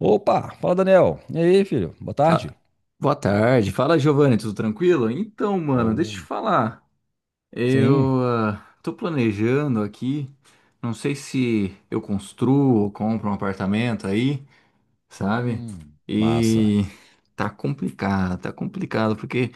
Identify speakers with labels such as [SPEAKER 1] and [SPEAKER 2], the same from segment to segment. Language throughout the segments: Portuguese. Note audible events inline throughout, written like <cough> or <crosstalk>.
[SPEAKER 1] Opa, fala Daniel. E aí, filho? Boa
[SPEAKER 2] Fa-
[SPEAKER 1] tarde.
[SPEAKER 2] Boa tarde. Fala, Giovanni, tudo tranquilo? Então, mano, deixa eu te
[SPEAKER 1] Oh,
[SPEAKER 2] falar.
[SPEAKER 1] sim.
[SPEAKER 2] Eu tô planejando aqui. Não sei se eu construo ou compro um apartamento aí, sabe?
[SPEAKER 1] Massa.
[SPEAKER 2] E tá complicado, tá complicado, porque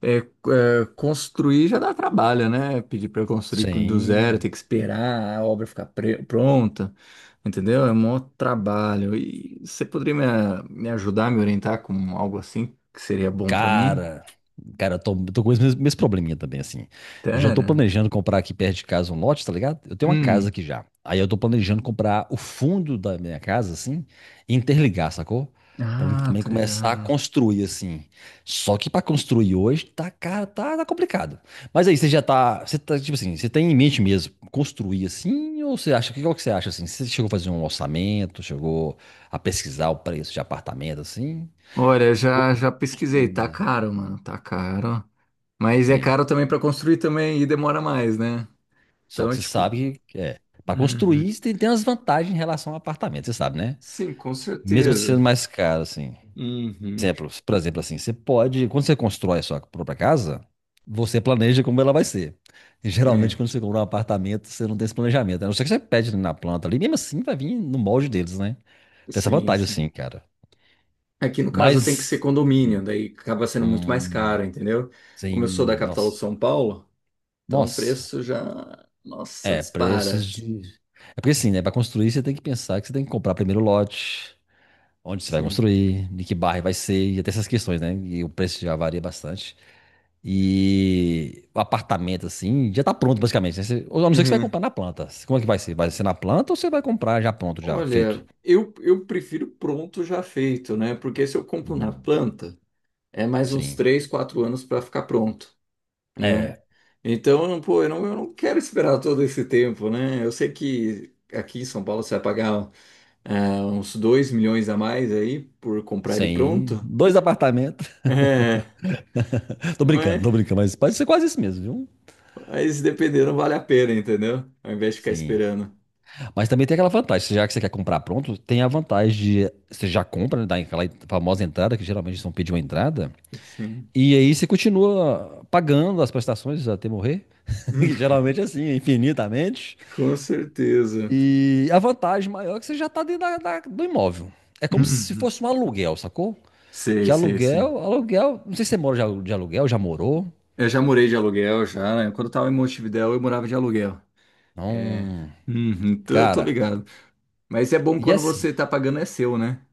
[SPEAKER 2] construir já dá trabalho, né? Pedir para do zero,
[SPEAKER 1] Sim.
[SPEAKER 2] ter que esperar a obra ficar pronta, entendeu? É um maior trabalho. E você poderia me ajudar, me orientar com algo assim que seria bom para mim?
[SPEAKER 1] Cara, cara, eu tô com esse mesmo probleminha também, assim. Eu já tô
[SPEAKER 2] Pera.
[SPEAKER 1] planejando comprar aqui perto de casa um lote, tá ligado? Eu tenho uma casa
[SPEAKER 2] Hum.
[SPEAKER 1] aqui já. Aí eu tô planejando comprar o fundo da minha casa, assim, e interligar, sacou? Pra mim
[SPEAKER 2] Ah,
[SPEAKER 1] também
[SPEAKER 2] tô
[SPEAKER 1] começar a
[SPEAKER 2] ligado.
[SPEAKER 1] construir, assim. Só que pra construir hoje, tá, cara, tá complicado. Mas aí, você tá, tipo assim, você tem em mente mesmo construir assim, ou você acha, que qual que você acha, assim? Você chegou a fazer um orçamento, Chegou a pesquisar o preço de apartamento, assim?
[SPEAKER 2] Olha,
[SPEAKER 1] Ou
[SPEAKER 2] já já pesquisei,
[SPEAKER 1] construir
[SPEAKER 2] tá
[SPEAKER 1] mesmo.
[SPEAKER 2] caro, mano, tá caro. Mas é
[SPEAKER 1] Sim.
[SPEAKER 2] caro também para construir também e demora mais, né?
[SPEAKER 1] Só
[SPEAKER 2] Então,
[SPEAKER 1] que você
[SPEAKER 2] tipo,
[SPEAKER 1] sabe que é. Para
[SPEAKER 2] uhum.
[SPEAKER 1] construir, você tem umas vantagens em relação ao apartamento, você sabe, né?
[SPEAKER 2] Sim, com
[SPEAKER 1] Mesmo sendo
[SPEAKER 2] certeza.
[SPEAKER 1] mais caro, assim.
[SPEAKER 2] Uhum.
[SPEAKER 1] Por exemplo, assim, quando você constrói a sua própria casa, você planeja como ela vai ser. E, geralmente,
[SPEAKER 2] É,
[SPEAKER 1] quando você compra um apartamento, você não tem esse planejamento, né? A não ser que você pede na planta, ali mesmo assim vai vir no molde deles, né? Tem essa
[SPEAKER 2] sim,
[SPEAKER 1] vantagem,
[SPEAKER 2] sim.
[SPEAKER 1] assim, cara.
[SPEAKER 2] Aqui no caso tem que ser
[SPEAKER 1] Mas,
[SPEAKER 2] condomínio,
[SPEAKER 1] hum,
[SPEAKER 2] daí acaba sendo muito mais
[SPEAKER 1] hum,
[SPEAKER 2] caro, entendeu? Como eu sou da
[SPEAKER 1] sim.
[SPEAKER 2] capital de
[SPEAKER 1] Nossa.
[SPEAKER 2] São Paulo, então o
[SPEAKER 1] Nossa.
[SPEAKER 2] preço já, nossa,
[SPEAKER 1] É, preços
[SPEAKER 2] dispara.
[SPEAKER 1] de. É porque assim, né? Para construir, você tem que pensar que você tem que comprar primeiro o lote, onde você vai
[SPEAKER 2] Sim.
[SPEAKER 1] construir, de que bairro vai ser, e até essas questões, né? E o preço já varia bastante. E o apartamento, assim, já tá pronto, basicamente, né? Ou a não ser que você vai
[SPEAKER 2] Uhum.
[SPEAKER 1] comprar na planta. Como é que vai ser? Vai ser na planta ou você vai comprar já pronto, já feito?
[SPEAKER 2] Olha, eu prefiro pronto já feito, né? Porque se eu compro na
[SPEAKER 1] Hum,
[SPEAKER 2] planta, é mais uns
[SPEAKER 1] sim.
[SPEAKER 2] 3, 4 anos para ficar pronto, né?
[SPEAKER 1] É.
[SPEAKER 2] Então, eu não- pô, eu não quero esperar todo esse tempo, né? Eu sei que aqui em São Paulo você vai pagar uns 2 milhões a mais aí por comprar ele
[SPEAKER 1] Sim.
[SPEAKER 2] pronto.
[SPEAKER 1] Dois apartamentos.
[SPEAKER 2] É.
[SPEAKER 1] <laughs> Tô brincando,
[SPEAKER 2] Mas,
[SPEAKER 1] tô brincando, mas pode ser quase isso mesmo, viu?
[SPEAKER 2] mas dependendo, vale a pena, entendeu? Ao invés de ficar
[SPEAKER 1] Sim.
[SPEAKER 2] esperando.
[SPEAKER 1] Mas também tem aquela vantagem, já que você quer comprar pronto, tem a vantagem de você já compra, né, dá aquela famosa entrada, que geralmente eles não pedem uma entrada,
[SPEAKER 2] Sim. <laughs>
[SPEAKER 1] e aí você continua pagando as prestações até morrer, <laughs>
[SPEAKER 2] Hum,
[SPEAKER 1] que geralmente é assim, infinitamente.
[SPEAKER 2] com certeza.
[SPEAKER 1] E a vantagem maior é que você já está dentro do imóvel. É como se
[SPEAKER 2] Uhum.
[SPEAKER 1] fosse um aluguel, sacou?
[SPEAKER 2] Sei,
[SPEAKER 1] Que
[SPEAKER 2] sei, sei.
[SPEAKER 1] aluguel, aluguel, não sei se você mora de aluguel, já morou.
[SPEAKER 2] Eu Já morei de aluguel, já, né? Quando eu tava em Montevidéu, eu morava de aluguel. É.
[SPEAKER 1] Não,
[SPEAKER 2] Uhum, tô, tô
[SPEAKER 1] cara,
[SPEAKER 2] ligado. Mas é bom
[SPEAKER 1] e
[SPEAKER 2] quando
[SPEAKER 1] assim,
[SPEAKER 2] você tá pagando, é seu, né?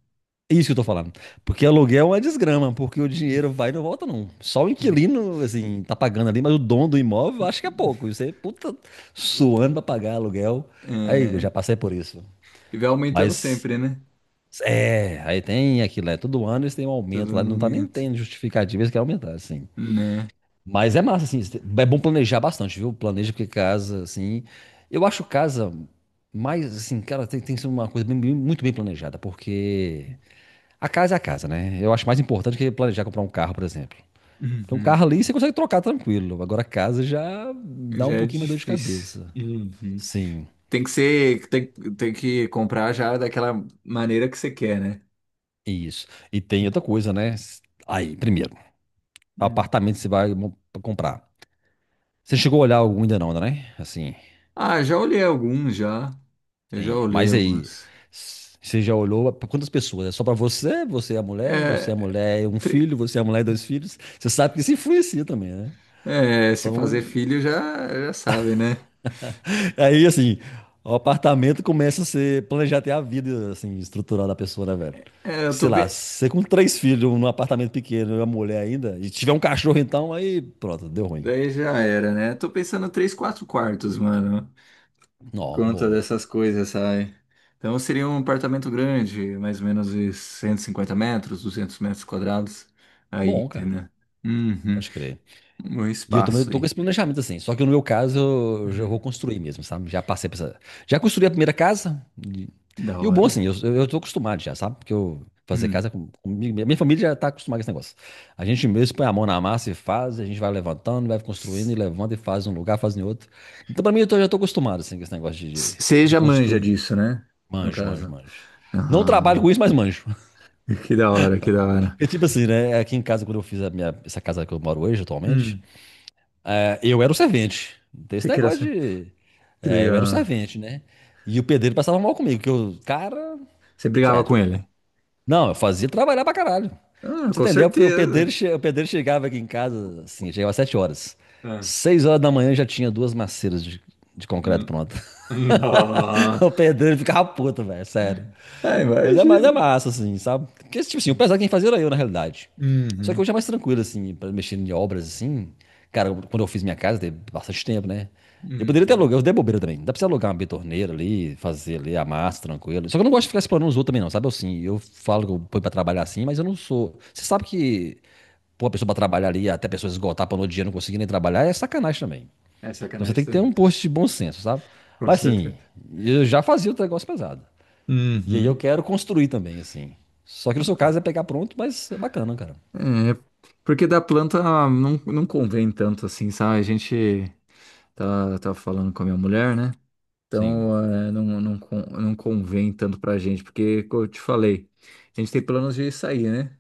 [SPEAKER 1] é isso que eu tô falando. Porque aluguel é uma desgrama, porque o dinheiro vai e não volta, não. Só o
[SPEAKER 2] <laughs>
[SPEAKER 1] inquilino, assim, tá pagando ali, mas o dono do imóvel acho que é
[SPEAKER 2] Uhum.
[SPEAKER 1] pouco. E você, puta, suando pra pagar aluguel. Aí, eu
[SPEAKER 2] É.
[SPEAKER 1] já passei por isso.
[SPEAKER 2] E vai aumentando
[SPEAKER 1] Mas,
[SPEAKER 2] sempre, né?
[SPEAKER 1] é, aí tem aquilo, é, todo ano eles têm um
[SPEAKER 2] Todo
[SPEAKER 1] aumento lá, não tá nem
[SPEAKER 2] momento,
[SPEAKER 1] tendo justificativa, eles querem aumentar, assim.
[SPEAKER 2] né?
[SPEAKER 1] Mas é massa, assim, é bom planejar bastante, viu? Planeja porque casa, assim. Eu acho casa mais, assim, cara, tem, tem que ser uma coisa muito bem planejada, porque. A casa é a casa, né? Eu acho mais importante que planejar comprar um carro, por exemplo. Porque um
[SPEAKER 2] Uhum.
[SPEAKER 1] carro ali você consegue trocar tranquilo. Agora a casa já dá
[SPEAKER 2] Já
[SPEAKER 1] um
[SPEAKER 2] é
[SPEAKER 1] pouquinho mais dor de
[SPEAKER 2] difícil.
[SPEAKER 1] cabeça.
[SPEAKER 2] Uhum.
[SPEAKER 1] Sim,
[SPEAKER 2] Tem que ser, tem, tem que comprar já daquela maneira que você quer, né?
[SPEAKER 1] isso. E tem outra coisa, né? Aí, primeiro,
[SPEAKER 2] Hum.
[SPEAKER 1] apartamento você comprar. Você chegou a olhar algum ainda não, né? Assim,
[SPEAKER 2] Ah, já olhei alguns já. Eu já
[SPEAKER 1] sim.
[SPEAKER 2] olhei
[SPEAKER 1] Mas aí,
[SPEAKER 2] alguns.
[SPEAKER 1] você já olhou para quantas pessoas? É só para você, você é a mulher, você é a
[SPEAKER 2] É,
[SPEAKER 1] mulher e um
[SPEAKER 2] tri-
[SPEAKER 1] filho, você é a mulher e dois filhos. Você sabe que isso influencia também, né?
[SPEAKER 2] Se fazer
[SPEAKER 1] Então,
[SPEAKER 2] filho já, já sabe, né?
[SPEAKER 1] aí, assim, o apartamento começa a ser planejar até a vida, assim, estrutural da pessoa, né, velho?
[SPEAKER 2] É,
[SPEAKER 1] Que,
[SPEAKER 2] eu
[SPEAKER 1] sei
[SPEAKER 2] tô
[SPEAKER 1] lá,
[SPEAKER 2] vendo.
[SPEAKER 1] você com três filhos num apartamento pequeno e uma mulher ainda, e tiver um cachorro então, aí pronto, deu ruim.
[SPEAKER 2] Daí já era, né? Tô pensando três, quatro quartos, mano. Por
[SPEAKER 1] Não,
[SPEAKER 2] conta
[SPEAKER 1] bom.
[SPEAKER 2] dessas coisas, sabe? Então seria um apartamento grande, mais ou menos de 150 metros, 200 metros quadrados. Aí,
[SPEAKER 1] Bom, cara.
[SPEAKER 2] entendeu? Uhum.
[SPEAKER 1] Pode crer.
[SPEAKER 2] Um
[SPEAKER 1] E eu também
[SPEAKER 2] espaço
[SPEAKER 1] tô com
[SPEAKER 2] aí.
[SPEAKER 1] esse planejamento, assim. Só que no meu caso, eu já vou
[SPEAKER 2] Hum.
[SPEAKER 1] construir mesmo, sabe? Já passei por essa. Já construí a primeira casa.
[SPEAKER 2] Da
[SPEAKER 1] E o bom, assim,
[SPEAKER 2] hora.
[SPEAKER 1] eu tô acostumado já, sabe? Porque eu fazer
[SPEAKER 2] Hum.
[SPEAKER 1] casa com, comigo. Minha família já tá acostumada com esse negócio. A gente mesmo põe a mão na massa e faz, a gente vai levantando, vai construindo e levanta e faz em um lugar, faz em outro. Então, pra mim, já tô acostumado, assim, com esse negócio
[SPEAKER 2] Você
[SPEAKER 1] de
[SPEAKER 2] já manja
[SPEAKER 1] construir.
[SPEAKER 2] disso, né? No
[SPEAKER 1] Manjo, manjo,
[SPEAKER 2] caso.
[SPEAKER 1] manjo. Não
[SPEAKER 2] Ah,
[SPEAKER 1] trabalho com isso, mas manjo.
[SPEAKER 2] que da hora, que da
[SPEAKER 1] <laughs>
[SPEAKER 2] hora.
[SPEAKER 1] Porque, tipo assim, né? Aqui em casa, quando eu fiz a minha, essa casa que eu moro hoje, atualmente.
[SPEAKER 2] Hum.
[SPEAKER 1] É, eu era o servente. Não tem esse
[SPEAKER 2] Você que era...
[SPEAKER 1] negócio
[SPEAKER 2] ser-
[SPEAKER 1] de.
[SPEAKER 2] Que
[SPEAKER 1] É, eu era o
[SPEAKER 2] legal.
[SPEAKER 1] servente, né? E o pedreiro passava mal comigo, que eu, cara,
[SPEAKER 2] Você brigava
[SPEAKER 1] sério.
[SPEAKER 2] com ele?
[SPEAKER 1] Não, eu fazia trabalhar pra caralho. Pra
[SPEAKER 2] Ah,
[SPEAKER 1] você
[SPEAKER 2] com
[SPEAKER 1] entender, o pedreiro,
[SPEAKER 2] certeza.
[SPEAKER 1] o pedreiro chegava aqui em casa, assim, chegava às 7 horas.
[SPEAKER 2] Ah.
[SPEAKER 1] Seis horas da manhã eu já tinha duas maceiras de concreto
[SPEAKER 2] Hum.
[SPEAKER 1] pronto. <laughs>
[SPEAKER 2] <laughs> Ah,
[SPEAKER 1] O pedreiro ficava puto, velho, sério.
[SPEAKER 2] ah,
[SPEAKER 1] Mas
[SPEAKER 2] imagina.
[SPEAKER 1] é massa, assim, sabe? Porque, tipo assim, o pesado quem fazia era eu, na realidade. Só que
[SPEAKER 2] Uhum.
[SPEAKER 1] hoje é mais tranquilo, assim, pra mexer em obras, assim. Cara, quando eu fiz minha casa, teve bastante tempo, né? Eu poderia ter
[SPEAKER 2] Uhum.
[SPEAKER 1] alugar, eu dei bobeira também. Dá pra você alugar uma betorneira ali, fazer ali a massa, tranquilo. Só que eu não gosto de ficar explorando os outros também, não, sabe? Eu, assim, eu falo que eu ponho pra trabalhar assim, mas eu não sou. Você sabe que pôr a pessoa pra trabalhar ali, até a pessoa esgotar, pra no outro dia não conseguir nem trabalhar, é sacanagem também.
[SPEAKER 2] É
[SPEAKER 1] Então você tem
[SPEAKER 2] sacanagem
[SPEAKER 1] que ter
[SPEAKER 2] também.
[SPEAKER 1] um post de bom senso, sabe?
[SPEAKER 2] Com
[SPEAKER 1] Mas assim,
[SPEAKER 2] certeza.
[SPEAKER 1] eu já fazia outro negócio pesado. E aí eu
[SPEAKER 2] Uhum.
[SPEAKER 1] quero construir também, assim. Só que no seu caso é pegar pronto, mas é bacana, cara.
[SPEAKER 2] É, porque da planta não convém tanto assim, sabe? A gente tá, tá falando com a minha mulher, né?
[SPEAKER 1] Sim,
[SPEAKER 2] Então, não convém tanto pra gente, porque, como eu te falei, a gente tem planos de sair, né?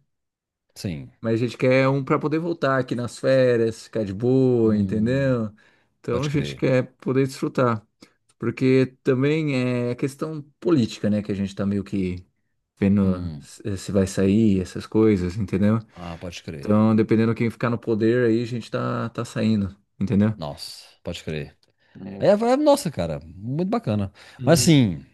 [SPEAKER 1] sim.
[SPEAKER 2] Mas a gente quer um pra poder voltar aqui nas férias, ficar de boa,
[SPEAKER 1] Hum,
[SPEAKER 2] entendeu? Então,
[SPEAKER 1] pode
[SPEAKER 2] a gente
[SPEAKER 1] crer.
[SPEAKER 2] quer poder desfrutar. Porque também é a questão política, né? Que a gente tá meio que vendo
[SPEAKER 1] Hum,
[SPEAKER 2] se se vai sair, essas coisas, entendeu?
[SPEAKER 1] ah, pode crer.
[SPEAKER 2] Então, dependendo quem ficar no poder aí, tá saindo, entendeu?
[SPEAKER 1] Nossa, pode crer.
[SPEAKER 2] É.
[SPEAKER 1] Aí, nossa, cara, muito bacana. Mas
[SPEAKER 2] Hum.
[SPEAKER 1] assim,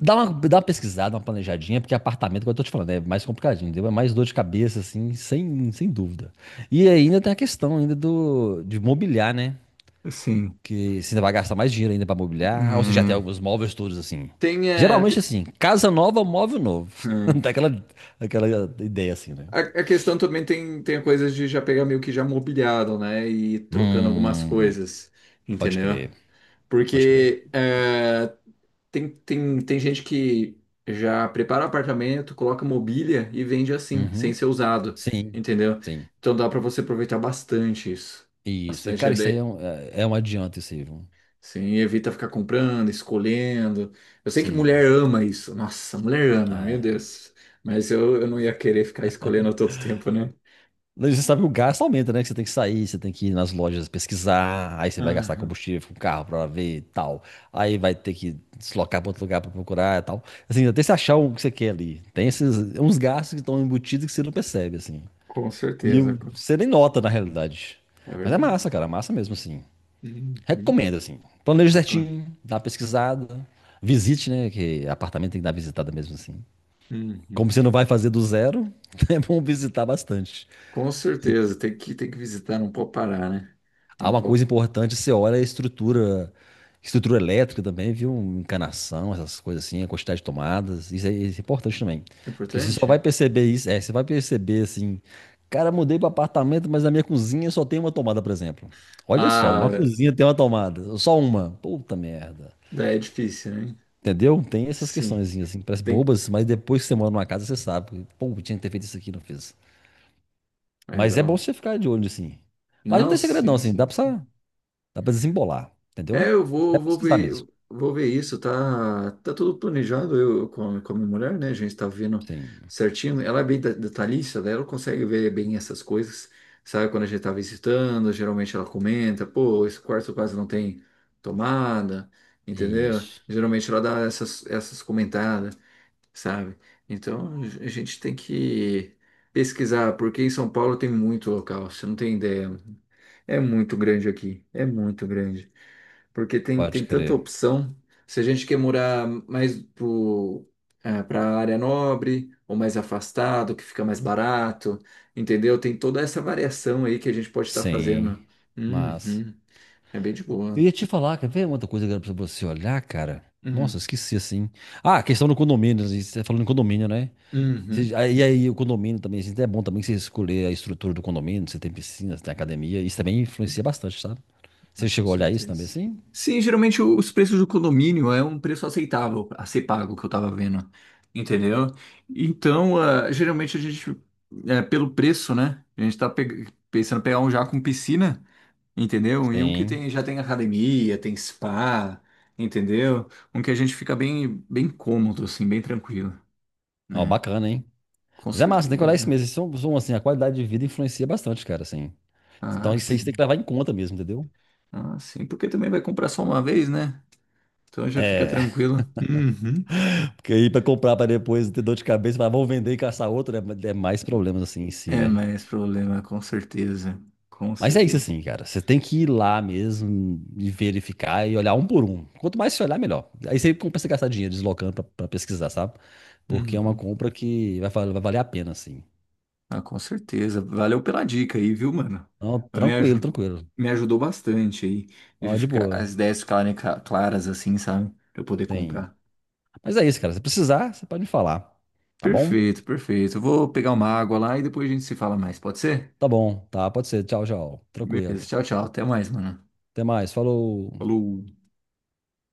[SPEAKER 1] dá uma pesquisada, uma planejadinha, porque apartamento, como eu tô te falando, é mais complicadinho, entendeu? É mais dor de cabeça, assim, sem dúvida. E ainda tem a questão ainda de mobiliar, né?
[SPEAKER 2] Assim,
[SPEAKER 1] Que você ainda vai gastar mais dinheiro ainda pra mobiliar. Ou você já tem
[SPEAKER 2] é,
[SPEAKER 1] alguns móveis todos assim.
[SPEAKER 2] tem, é,
[SPEAKER 1] Geralmente assim, casa nova, móvel novo.
[SPEAKER 2] Hum.
[SPEAKER 1] <laughs> Dá aquela, aquela ideia assim, né?
[SPEAKER 2] A questão também tem, tem a coisa de já pegar meio que já mobiliado, né? E ir trocando algumas
[SPEAKER 1] Hum,
[SPEAKER 2] coisas,
[SPEAKER 1] pode
[SPEAKER 2] entendeu?
[SPEAKER 1] crer, pode crer.
[SPEAKER 2] Porque é, tem, tem, tem gente que já prepara o apartamento, coloca mobília e vende assim, sem
[SPEAKER 1] Uhum.
[SPEAKER 2] ser usado,
[SPEAKER 1] Sim,
[SPEAKER 2] entendeu?
[SPEAKER 1] sim.
[SPEAKER 2] Então dá pra você aproveitar bastante isso.
[SPEAKER 1] Isso. E,
[SPEAKER 2] Bastante
[SPEAKER 1] cara, isso aí
[SPEAKER 2] ele-
[SPEAKER 1] é um, é um adianto, isso aí, viu?
[SPEAKER 2] Sim, evita ficar comprando, escolhendo. Eu sei que mulher
[SPEAKER 1] Sim.
[SPEAKER 2] ama isso. Nossa, mulher ama,
[SPEAKER 1] Ah,
[SPEAKER 2] meu
[SPEAKER 1] é.
[SPEAKER 2] Deus. Mas eu não ia querer ficar escolhendo a todo tempo, né?
[SPEAKER 1] Você sabe que o gasto aumenta, né? Que você tem que sair, você tem que ir nas lojas pesquisar, aí você vai gastar
[SPEAKER 2] Aham.
[SPEAKER 1] combustível com o carro pra ver e tal. Aí vai ter que deslocar pra outro lugar pra procurar e tal. Assim, até você achar o que você quer ali. Tem esses uns gastos que estão embutidos que você não percebe, assim.
[SPEAKER 2] Com certeza, co-
[SPEAKER 1] Você nem nota, na realidade.
[SPEAKER 2] É
[SPEAKER 1] Mas é
[SPEAKER 2] verdade.
[SPEAKER 1] massa, cara, é massa mesmo, assim.
[SPEAKER 2] Uhum.
[SPEAKER 1] Recomendo, assim. Planeje
[SPEAKER 2] Com
[SPEAKER 1] certinho, dá uma pesquisada, visite, né? Que apartamento tem que dar visitada mesmo, assim.
[SPEAKER 2] uhum.
[SPEAKER 1] Como você não vai fazer do zero, <laughs> é bom visitar bastante.
[SPEAKER 2] Com certeza, tem que visitar, não pode parar, né?
[SPEAKER 1] Há
[SPEAKER 2] Não
[SPEAKER 1] uma
[SPEAKER 2] pode.
[SPEAKER 1] coisa importante, você olha a estrutura, estrutura elétrica também, viu? Encanação, essas coisas assim, a quantidade de tomadas, isso é importante também.
[SPEAKER 2] É
[SPEAKER 1] Porque você só
[SPEAKER 2] importante?
[SPEAKER 1] vai perceber isso, é, você vai perceber assim, cara, mudei para apartamento, mas na minha cozinha só tem uma tomada, por exemplo. Olha só,
[SPEAKER 2] Ah,
[SPEAKER 1] na cozinha tem uma tomada, só uma. Puta merda.
[SPEAKER 2] daí é difícil, né?
[SPEAKER 1] Entendeu? Tem essas
[SPEAKER 2] Sim,
[SPEAKER 1] questões assim, parece
[SPEAKER 2] tem.
[SPEAKER 1] bobas, mas depois que você mora numa casa, você sabe que, pô, tinha que ter feito isso aqui, não fiz.
[SPEAKER 2] É,
[SPEAKER 1] Mas é bom
[SPEAKER 2] dá.
[SPEAKER 1] você ficar de olho, assim. Mas não
[SPEAKER 2] Não,
[SPEAKER 1] tem segredo, não,
[SPEAKER 2] sim,
[SPEAKER 1] assim,
[SPEAKER 2] sim, sim.
[SPEAKER 1] dá pra desembolar, entendeu?
[SPEAKER 2] É,
[SPEAKER 1] É pesquisar mesmo.
[SPEAKER 2] vou ver isso, tá, tá tudo planejado com a minha mulher, né? A gente tá vendo
[SPEAKER 1] Sim.
[SPEAKER 2] certinho. Ela é bem detalhista, né? Ela consegue ver bem essas coisas, sabe? Quando a gente tá visitando, geralmente ela comenta, pô, esse quarto quase não tem tomada, entendeu?
[SPEAKER 1] Isso.
[SPEAKER 2] Geralmente ela dá essas, essas comentadas, sabe? Então a gente tem que pesquisar, porque em São Paulo tem muito local, você não tem ideia. É muito grande aqui, é muito grande. Porque tem,
[SPEAKER 1] Pode
[SPEAKER 2] tem tanta
[SPEAKER 1] crer.
[SPEAKER 2] opção. Se a gente quer para a área nobre ou mais afastado, que fica mais barato, entendeu? Tem toda essa variação aí que a gente pode estar
[SPEAKER 1] Sim.
[SPEAKER 2] fazendo.
[SPEAKER 1] Mas.
[SPEAKER 2] Uhum. É bem de
[SPEAKER 1] Eu
[SPEAKER 2] boa.
[SPEAKER 1] ia te falar, quer ver uma outra coisa que era pra você olhar, cara? Nossa,
[SPEAKER 2] Uhum.
[SPEAKER 1] eu esqueci assim. Ah, a questão do condomínio. Assim, você tá falando em condomínio, né?
[SPEAKER 2] Uhum.
[SPEAKER 1] E aí, o condomínio também. Assim, é bom também que você escolher a estrutura do condomínio. Se tem piscina, se tem academia. Isso também influencia bastante, sabe? Você
[SPEAKER 2] Ah, com
[SPEAKER 1] chegou a olhar isso também
[SPEAKER 2] certeza.
[SPEAKER 1] assim?
[SPEAKER 2] Sim, geralmente os preços do condomínio é um preço aceitável a ser pago que eu tava vendo, entendeu? Então, geralmente pelo preço, né? A gente tá peg- Pensando em pegar um já com piscina. Entendeu? E um que
[SPEAKER 1] Sim.
[SPEAKER 2] tem, já tem academia, tem spa, entendeu? Um que a gente fica bem, bem cômodo, assim, bem tranquilo,
[SPEAKER 1] Ó,
[SPEAKER 2] né?
[SPEAKER 1] bacana, hein?
[SPEAKER 2] Com
[SPEAKER 1] Mas é massa, tem que olhar isso
[SPEAKER 2] certeza.
[SPEAKER 1] mesmo. Assim, a qualidade de vida influencia bastante, cara, assim. Então
[SPEAKER 2] Ah,
[SPEAKER 1] isso aí você tem que
[SPEAKER 2] sim.
[SPEAKER 1] levar em conta mesmo, entendeu?
[SPEAKER 2] Ah, sim. Porque também vai comprar só uma vez, né? Então já fica
[SPEAKER 1] É,
[SPEAKER 2] tranquilo. Uhum.
[SPEAKER 1] <laughs> porque aí pra comprar pra depois ter dor de cabeça, falar, vou vender e caçar outro, é, é mais problemas assim em si,
[SPEAKER 2] É
[SPEAKER 1] né?
[SPEAKER 2] mais problema, com certeza. Com
[SPEAKER 1] Mas é isso
[SPEAKER 2] certeza.
[SPEAKER 1] assim, cara. Você tem que ir lá mesmo e verificar e olhar um por um. Quanto mais você olhar, melhor. Aí você começa a gastar dinheiro deslocando pra pesquisar, sabe? Porque é uma
[SPEAKER 2] Uhum.
[SPEAKER 1] compra que vai, vai valer a pena, assim.
[SPEAKER 2] Ah, com certeza. Valeu pela dica aí, viu, mano?
[SPEAKER 1] Não,
[SPEAKER 2] Mas Me,
[SPEAKER 1] tranquilo,
[SPEAKER 2] aju-
[SPEAKER 1] tranquilo.
[SPEAKER 2] Me ajudou bastante aí.
[SPEAKER 1] Ó, de boa.
[SPEAKER 2] As ideias ficarem claras, assim, sabe? Pra eu poder
[SPEAKER 1] Tem.
[SPEAKER 2] comprar.
[SPEAKER 1] Mas é isso, cara. Se precisar, você pode me falar. Tá bom?
[SPEAKER 2] Perfeito, perfeito. Eu vou pegar uma água lá e depois a gente se fala mais, pode ser?
[SPEAKER 1] Tá bom, tá. Pode ser. Tchau, tchau.
[SPEAKER 2] Beleza,
[SPEAKER 1] Tranquilo.
[SPEAKER 2] tchau, tchau. Até mais, mano.
[SPEAKER 1] Até mais. Falou.
[SPEAKER 2] Falou.